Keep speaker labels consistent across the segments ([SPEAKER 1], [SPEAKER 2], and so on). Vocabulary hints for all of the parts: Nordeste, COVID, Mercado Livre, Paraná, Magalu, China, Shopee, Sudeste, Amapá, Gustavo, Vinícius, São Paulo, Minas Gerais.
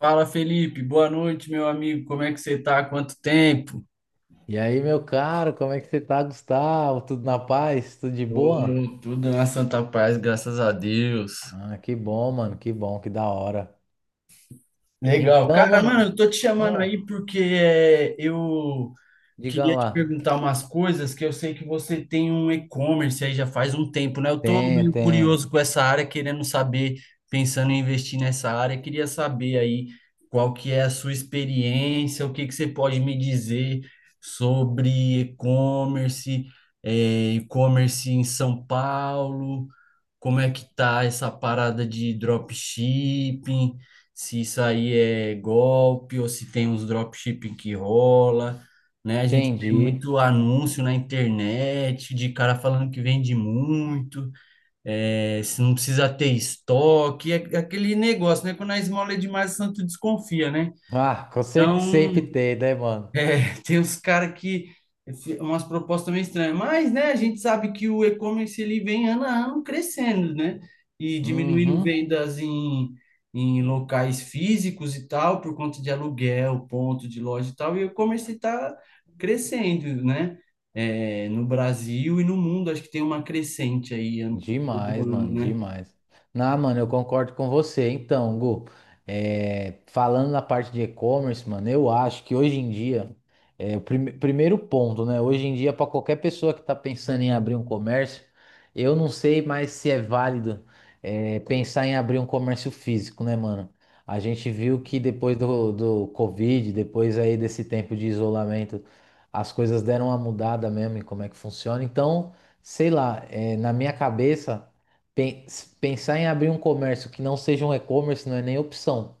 [SPEAKER 1] Fala, Felipe. Boa noite, meu amigo. Como é que você tá? Há quanto tempo?
[SPEAKER 2] E aí, meu caro, como é que você tá, Gustavo? Tudo na paz? Tudo de boa?
[SPEAKER 1] Ô, tudo na santa paz, graças a Deus.
[SPEAKER 2] Ah, que bom, mano, que bom, que da hora.
[SPEAKER 1] Legal.
[SPEAKER 2] Então,
[SPEAKER 1] Cara, mano,
[SPEAKER 2] mano,
[SPEAKER 1] eu tô te chamando aí
[SPEAKER 2] ah,
[SPEAKER 1] porque eu
[SPEAKER 2] diga
[SPEAKER 1] queria te
[SPEAKER 2] lá.
[SPEAKER 1] perguntar umas coisas que eu sei que você tem um e-commerce aí já faz um tempo, né? Eu tô
[SPEAKER 2] Tenho,
[SPEAKER 1] meio
[SPEAKER 2] tenho.
[SPEAKER 1] curioso com essa área, querendo saber, pensando em investir nessa área. Queria saber aí qual que é a sua experiência, o que que você pode me dizer sobre e-commerce, e-commerce em São Paulo. Como é que tá essa parada de dropshipping, se isso aí é golpe ou se tem uns dropshipping que rola, né? A gente tem
[SPEAKER 2] Entendi.
[SPEAKER 1] muito anúncio na internet de cara falando que vende muito, se não precisa ter estoque, é aquele negócio, né? Quando a esmola é demais, o santo desconfia, né?
[SPEAKER 2] Ah, com certeza sempre
[SPEAKER 1] Então,
[SPEAKER 2] tem, né, mano?
[SPEAKER 1] tem uns caras que umas propostas meio estranhas, mas né, a gente sabe que o e-commerce ele vem ano a ano crescendo, né? E diminuindo
[SPEAKER 2] Uhum.
[SPEAKER 1] vendas em locais físicos e tal, por conta de aluguel, ponto de loja e tal, e o e-commerce está crescendo, né? É, no Brasil e no mundo, acho que tem uma crescente aí todo
[SPEAKER 2] Demais,
[SPEAKER 1] ano,
[SPEAKER 2] mano,
[SPEAKER 1] né?
[SPEAKER 2] demais. Não, mano, eu concordo com você. Então, Gu, falando na parte de e-commerce, mano, eu acho que hoje em dia, primeiro ponto, né? Hoje em dia, para qualquer pessoa que tá pensando em abrir um comércio, eu não sei mais se é válido, pensar em abrir um comércio físico, né, mano? A gente viu que depois do Covid, depois aí desse tempo de isolamento, as coisas deram uma mudada mesmo em como é que funciona. Então sei lá, na minha cabeça, pen- pensar em abrir um comércio que não seja um e-commerce não é nem opção.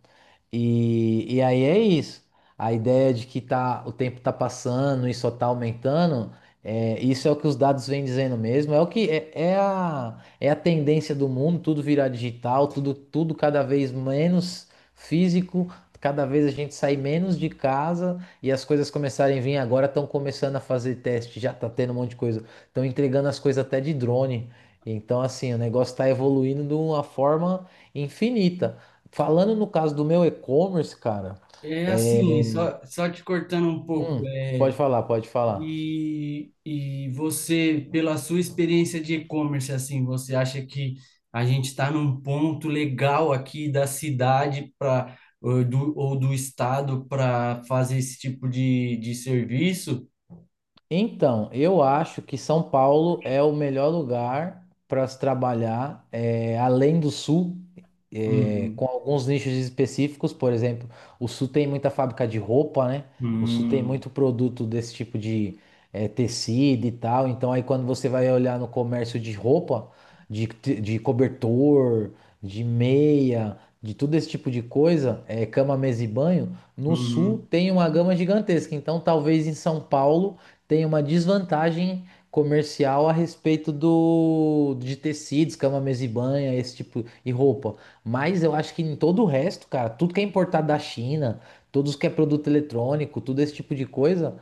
[SPEAKER 2] E aí é isso. A ideia de que tá, o tempo tá passando e só tá aumentando, isso é o que os dados vêm dizendo mesmo. É o que é a tendência do mundo, tudo virar digital, tudo cada vez menos físico, cada vez a gente sai menos de casa e as coisas começarem a vir agora, estão começando a fazer teste, já tá tendo um monte de coisa, estão entregando as coisas até de drone. Então, assim, o negócio está evoluindo de uma forma infinita. Falando no caso do meu e-commerce, cara,
[SPEAKER 1] É
[SPEAKER 2] é,
[SPEAKER 1] assim, só te cortando um pouco,
[SPEAKER 2] pode falar, pode falar.
[SPEAKER 1] e você, pela sua experiência de e-commerce, assim, você acha que a gente está num ponto legal aqui da cidade para ou do estado para fazer esse tipo de serviço?
[SPEAKER 2] Então, eu acho que São Paulo é o melhor lugar para se trabalhar, além do Sul,
[SPEAKER 1] Uhum,
[SPEAKER 2] com alguns nichos específicos. Por exemplo, o Sul tem muita fábrica de roupa, né? O Sul tem
[SPEAKER 1] uhum,
[SPEAKER 2] muito produto desse tipo de, tecido e tal. Então, aí quando você vai olhar no comércio de roupa, de cobertor, de meia, de tudo esse tipo de coisa, cama, mesa e banho, no Sul
[SPEAKER 1] uhum.
[SPEAKER 2] tem uma gama gigantesca. Então, talvez em São Paulo tem uma desvantagem comercial a respeito do de tecidos, cama, mesa e banha, esse tipo e roupa. Mas eu acho que em todo o resto, cara, tudo que é importado da China, tudo que é produto eletrônico, tudo esse tipo de coisa,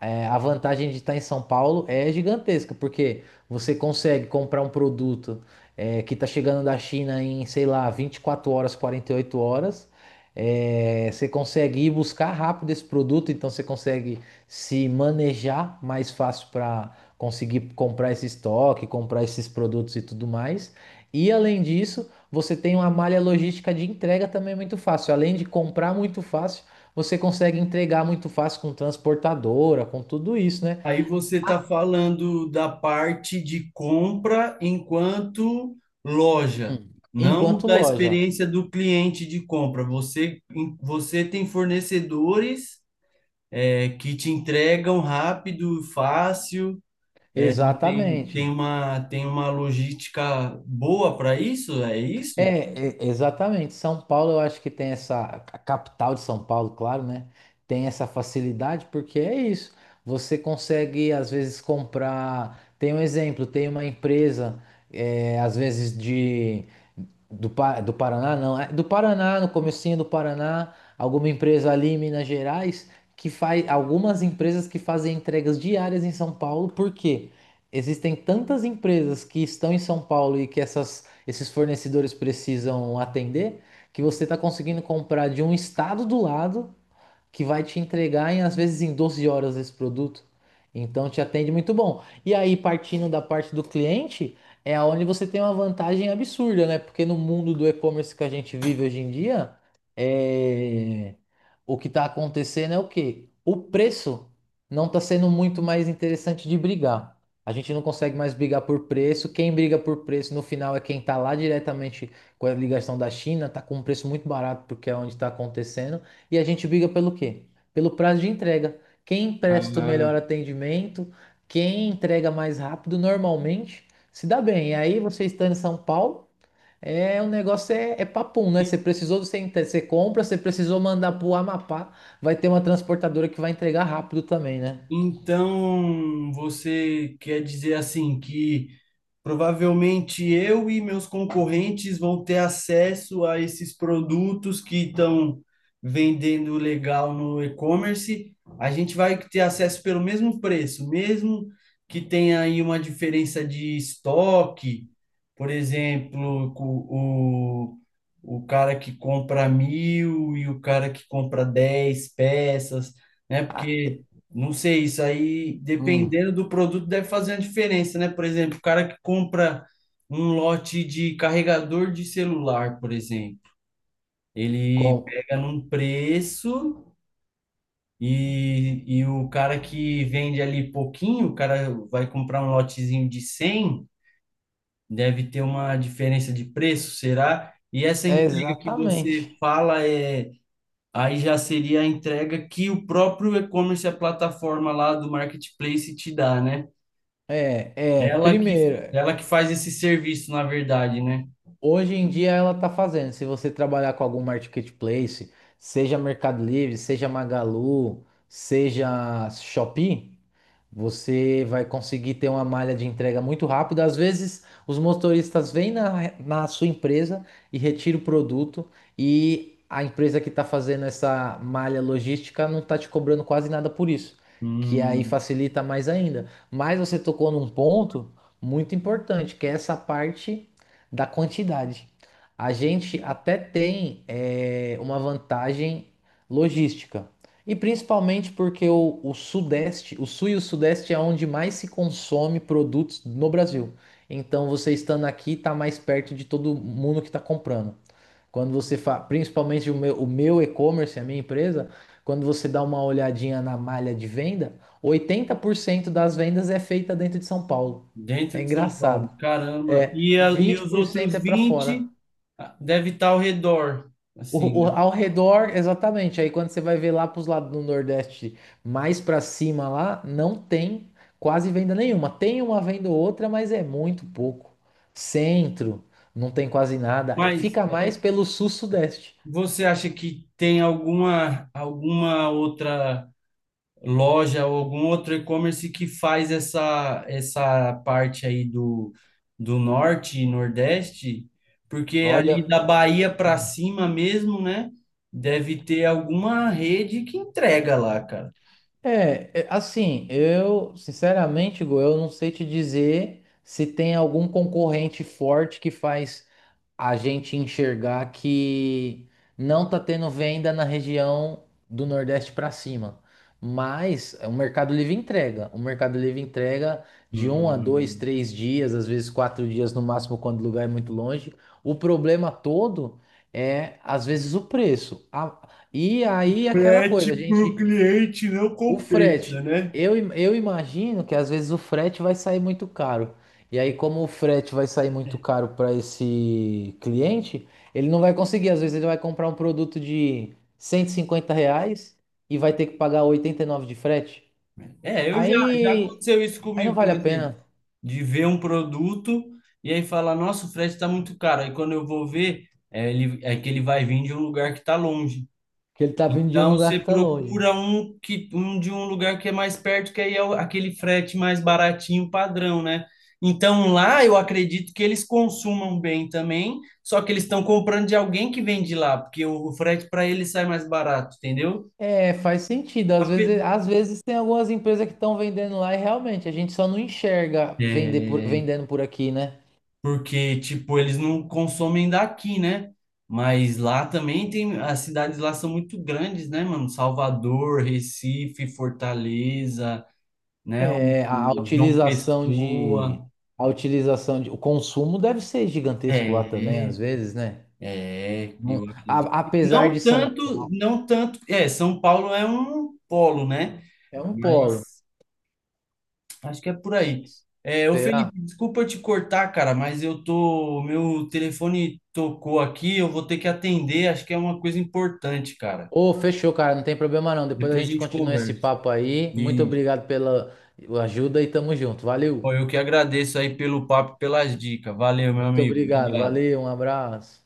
[SPEAKER 2] a vantagem de estar em São Paulo é gigantesca, porque você consegue comprar um produto que está chegando da China em, sei lá, 24 horas, 48 horas. É, você consegue ir buscar rápido esse produto, então você consegue se manejar mais fácil para conseguir comprar esse estoque, comprar esses produtos e tudo mais. E além disso, você tem uma malha logística de entrega também muito fácil. Além de comprar muito fácil, você consegue entregar muito fácil com transportadora, com tudo isso, né?
[SPEAKER 1] Aí você está
[SPEAKER 2] Ah,
[SPEAKER 1] falando da parte de compra enquanto loja,
[SPEAKER 2] hum,
[SPEAKER 1] não
[SPEAKER 2] enquanto
[SPEAKER 1] da
[SPEAKER 2] loja.
[SPEAKER 1] experiência do cliente de compra. Você tem fornecedores que te entregam rápido, fácil, é, não tem,
[SPEAKER 2] Exatamente.
[SPEAKER 1] tem uma logística boa para isso, é isso?
[SPEAKER 2] Exatamente. São Paulo, eu acho que tem essa. A capital de São Paulo, claro, né? Tem essa facilidade, porque é isso. Você consegue, às vezes, comprar. Tem um exemplo, tem uma empresa, às vezes, de. Do Paraná, não. É do Paraná, no comecinho do Paraná, alguma empresa ali em Minas Gerais que faz. Algumas empresas que fazem entregas diárias em São Paulo, por quê? Existem tantas empresas que estão em São Paulo e que essas esses fornecedores precisam atender, que você está conseguindo comprar de um estado do lado que vai te entregar em, às vezes em 12 horas esse produto. Então te atende muito bom. E aí, partindo da parte do cliente, é onde você tem uma vantagem absurda, né? Porque no mundo do e-commerce que a gente vive hoje em dia, é, o que está acontecendo é o quê? O preço não está sendo muito mais interessante de brigar. A gente não consegue mais brigar por preço. Quem briga por preço no final é quem está lá diretamente com a ligação da China, está com um preço muito barato porque é onde está acontecendo. E a gente briga pelo quê? Pelo prazo de entrega. Quem presta o
[SPEAKER 1] Ah.
[SPEAKER 2] melhor atendimento, quem entrega mais rápido, normalmente se dá bem. E aí você estando em São Paulo, é o negócio é papum, né? Você precisou do centro, você compra, você precisou mandar pro Amapá, vai ter uma transportadora que vai entregar rápido também, né?
[SPEAKER 1] Então, você quer dizer assim que provavelmente eu e meus concorrentes vão ter acesso a esses produtos que estão vendendo legal no e-commerce. A gente vai ter acesso pelo mesmo preço, mesmo que tenha aí uma diferença de estoque, por exemplo, o cara que compra 1.000 e o cara que compra 10 peças, né?
[SPEAKER 2] Ah,
[SPEAKER 1] Porque não sei, isso aí,
[SPEAKER 2] hum,
[SPEAKER 1] dependendo do produto, deve fazer uma diferença, né? Por exemplo, o cara que compra um lote de carregador de celular, por exemplo, ele
[SPEAKER 2] com...
[SPEAKER 1] pega num preço e o cara que vende ali pouquinho, o cara vai comprar um lotezinho de 100, deve ter uma diferença de preço, será? E essa entrega que
[SPEAKER 2] Exatamente.
[SPEAKER 1] você fala é. Aí já seria a entrega que o próprio e-commerce, a plataforma lá do marketplace te dá, né?
[SPEAKER 2] É,
[SPEAKER 1] Ela que,
[SPEAKER 2] primeiro.
[SPEAKER 1] ela que faz esse serviço, na verdade, né?
[SPEAKER 2] Hoje em dia ela está fazendo. Se você trabalhar com algum marketplace, seja Mercado Livre, seja Magalu, seja Shopee, você vai conseguir ter uma malha de entrega muito rápida. Às vezes, os motoristas vêm na sua empresa e retiram o produto e a empresa que está fazendo essa malha logística não está te cobrando quase nada por isso, que aí
[SPEAKER 1] Hum.
[SPEAKER 2] facilita mais ainda. Mas você tocou num ponto muito importante, que é essa parte da quantidade. A gente até tem uma vantagem logística. E principalmente porque o Sudeste, o Sul e o Sudeste é onde mais se consome produtos no Brasil. Então você estando aqui está mais perto de todo mundo que está comprando. Quando você faz, principalmente o meu e-commerce, a minha empresa, quando você dá uma olhadinha na malha de venda, 80% das vendas é feita dentro de São Paulo.
[SPEAKER 1] Dentro
[SPEAKER 2] É
[SPEAKER 1] de São Paulo,
[SPEAKER 2] engraçado.
[SPEAKER 1] caramba.
[SPEAKER 2] É,
[SPEAKER 1] E,
[SPEAKER 2] e
[SPEAKER 1] a, e
[SPEAKER 2] vinte
[SPEAKER 1] os
[SPEAKER 2] por cento
[SPEAKER 1] outros
[SPEAKER 2] é para fora.
[SPEAKER 1] 20? Ah, deve estar ao redor, assim, né?
[SPEAKER 2] Ao redor, exatamente. Aí quando você vai ver lá para os lados do Nordeste, mais para cima lá, não tem quase venda nenhuma. Tem uma venda ou outra, mas é muito pouco. Centro, não tem quase nada. É,
[SPEAKER 1] Mas
[SPEAKER 2] fica mais pelo sul-sudeste.
[SPEAKER 1] você acha que tem alguma outra loja ou algum outro e-commerce que faz essa parte aí do norte e nordeste, porque ali
[SPEAKER 2] Olha,
[SPEAKER 1] da Bahia para
[SPEAKER 2] hum.
[SPEAKER 1] cima mesmo, né? Deve ter alguma rede que entrega lá, cara.
[SPEAKER 2] Assim, eu, sinceramente, Gu, eu não sei te dizer se tem algum concorrente forte que faz a gente enxergar que não tá tendo venda na região do Nordeste para cima. Mas o Mercado Livre entrega. O Mercado Livre entrega de um a dois,
[SPEAKER 1] Hum.
[SPEAKER 2] três dias, às vezes quatro dias no máximo, quando o lugar é muito longe. O problema todo é, às vezes, o preço. E aí, aquela coisa,
[SPEAKER 1] Frete
[SPEAKER 2] a
[SPEAKER 1] pro
[SPEAKER 2] gente.
[SPEAKER 1] cliente não
[SPEAKER 2] O
[SPEAKER 1] compensa,
[SPEAKER 2] frete,
[SPEAKER 1] né?
[SPEAKER 2] eu imagino que às vezes o frete vai sair muito caro. E aí, como o frete vai sair muito caro para esse cliente, ele não vai conseguir. Às vezes, ele vai comprar um produto de R$ 150 e vai ter que pagar 89 de frete.
[SPEAKER 1] É, já
[SPEAKER 2] Aí,
[SPEAKER 1] aconteceu isso
[SPEAKER 2] aí não
[SPEAKER 1] comigo,
[SPEAKER 2] vale
[SPEAKER 1] por
[SPEAKER 2] a
[SPEAKER 1] exemplo,
[SPEAKER 2] pena,
[SPEAKER 1] de ver um produto e aí falar, nossa, o frete está muito caro. Aí quando eu vou ver, é que ele vai vir de um lugar que está longe.
[SPEAKER 2] porque ele tá vindo de um
[SPEAKER 1] Então você
[SPEAKER 2] lugar que tá longe.
[SPEAKER 1] procura um que um de um lugar que é mais perto, que aí aquele frete mais baratinho padrão, né? Então lá eu acredito que eles consumam bem também, só que eles estão comprando de alguém que vende lá, porque o frete para eles sai mais barato, entendeu?
[SPEAKER 2] É, faz sentido.
[SPEAKER 1] A pe-
[SPEAKER 2] Às vezes tem algumas empresas que estão vendendo lá e realmente a gente só não enxerga vender
[SPEAKER 1] É,
[SPEAKER 2] vendendo por aqui, né?
[SPEAKER 1] porque tipo eles não consomem daqui, né? Mas lá também tem, as cidades lá são muito grandes, né, mano? Salvador, Recife, Fortaleza, né? O
[SPEAKER 2] É, a
[SPEAKER 1] o João
[SPEAKER 2] utilização
[SPEAKER 1] Pessoa.
[SPEAKER 2] a utilização de, o consumo deve ser gigantesco lá também, às
[SPEAKER 1] É,
[SPEAKER 2] vezes, né?
[SPEAKER 1] é,
[SPEAKER 2] Não-
[SPEAKER 1] eu acredito.
[SPEAKER 2] apesar de
[SPEAKER 1] Não
[SPEAKER 2] São
[SPEAKER 1] tanto,
[SPEAKER 2] Paulo,
[SPEAKER 1] não tanto. É, São Paulo é um polo, né?
[SPEAKER 2] é um
[SPEAKER 1] Mas
[SPEAKER 2] polo.
[SPEAKER 1] acho que é por aí. É, ô
[SPEAKER 2] Será?
[SPEAKER 1] Felipe, desculpa te cortar, cara, mas eu tô. Meu telefone tocou aqui, eu vou ter que atender, acho que é uma coisa importante, cara.
[SPEAKER 2] Ô, fechou, cara, não tem problema não. Depois a
[SPEAKER 1] Depois a
[SPEAKER 2] gente
[SPEAKER 1] gente
[SPEAKER 2] continua esse
[SPEAKER 1] conversa.
[SPEAKER 2] papo aí. Muito
[SPEAKER 1] Isso.
[SPEAKER 2] obrigado pela ajuda e tamo junto.
[SPEAKER 1] Pô,
[SPEAKER 2] Valeu.
[SPEAKER 1] eu que agradeço aí pelo papo, e pelas dicas. Valeu, meu
[SPEAKER 2] Muito
[SPEAKER 1] amigo.
[SPEAKER 2] obrigado,
[SPEAKER 1] Obrigado.
[SPEAKER 2] valeu, um abraço.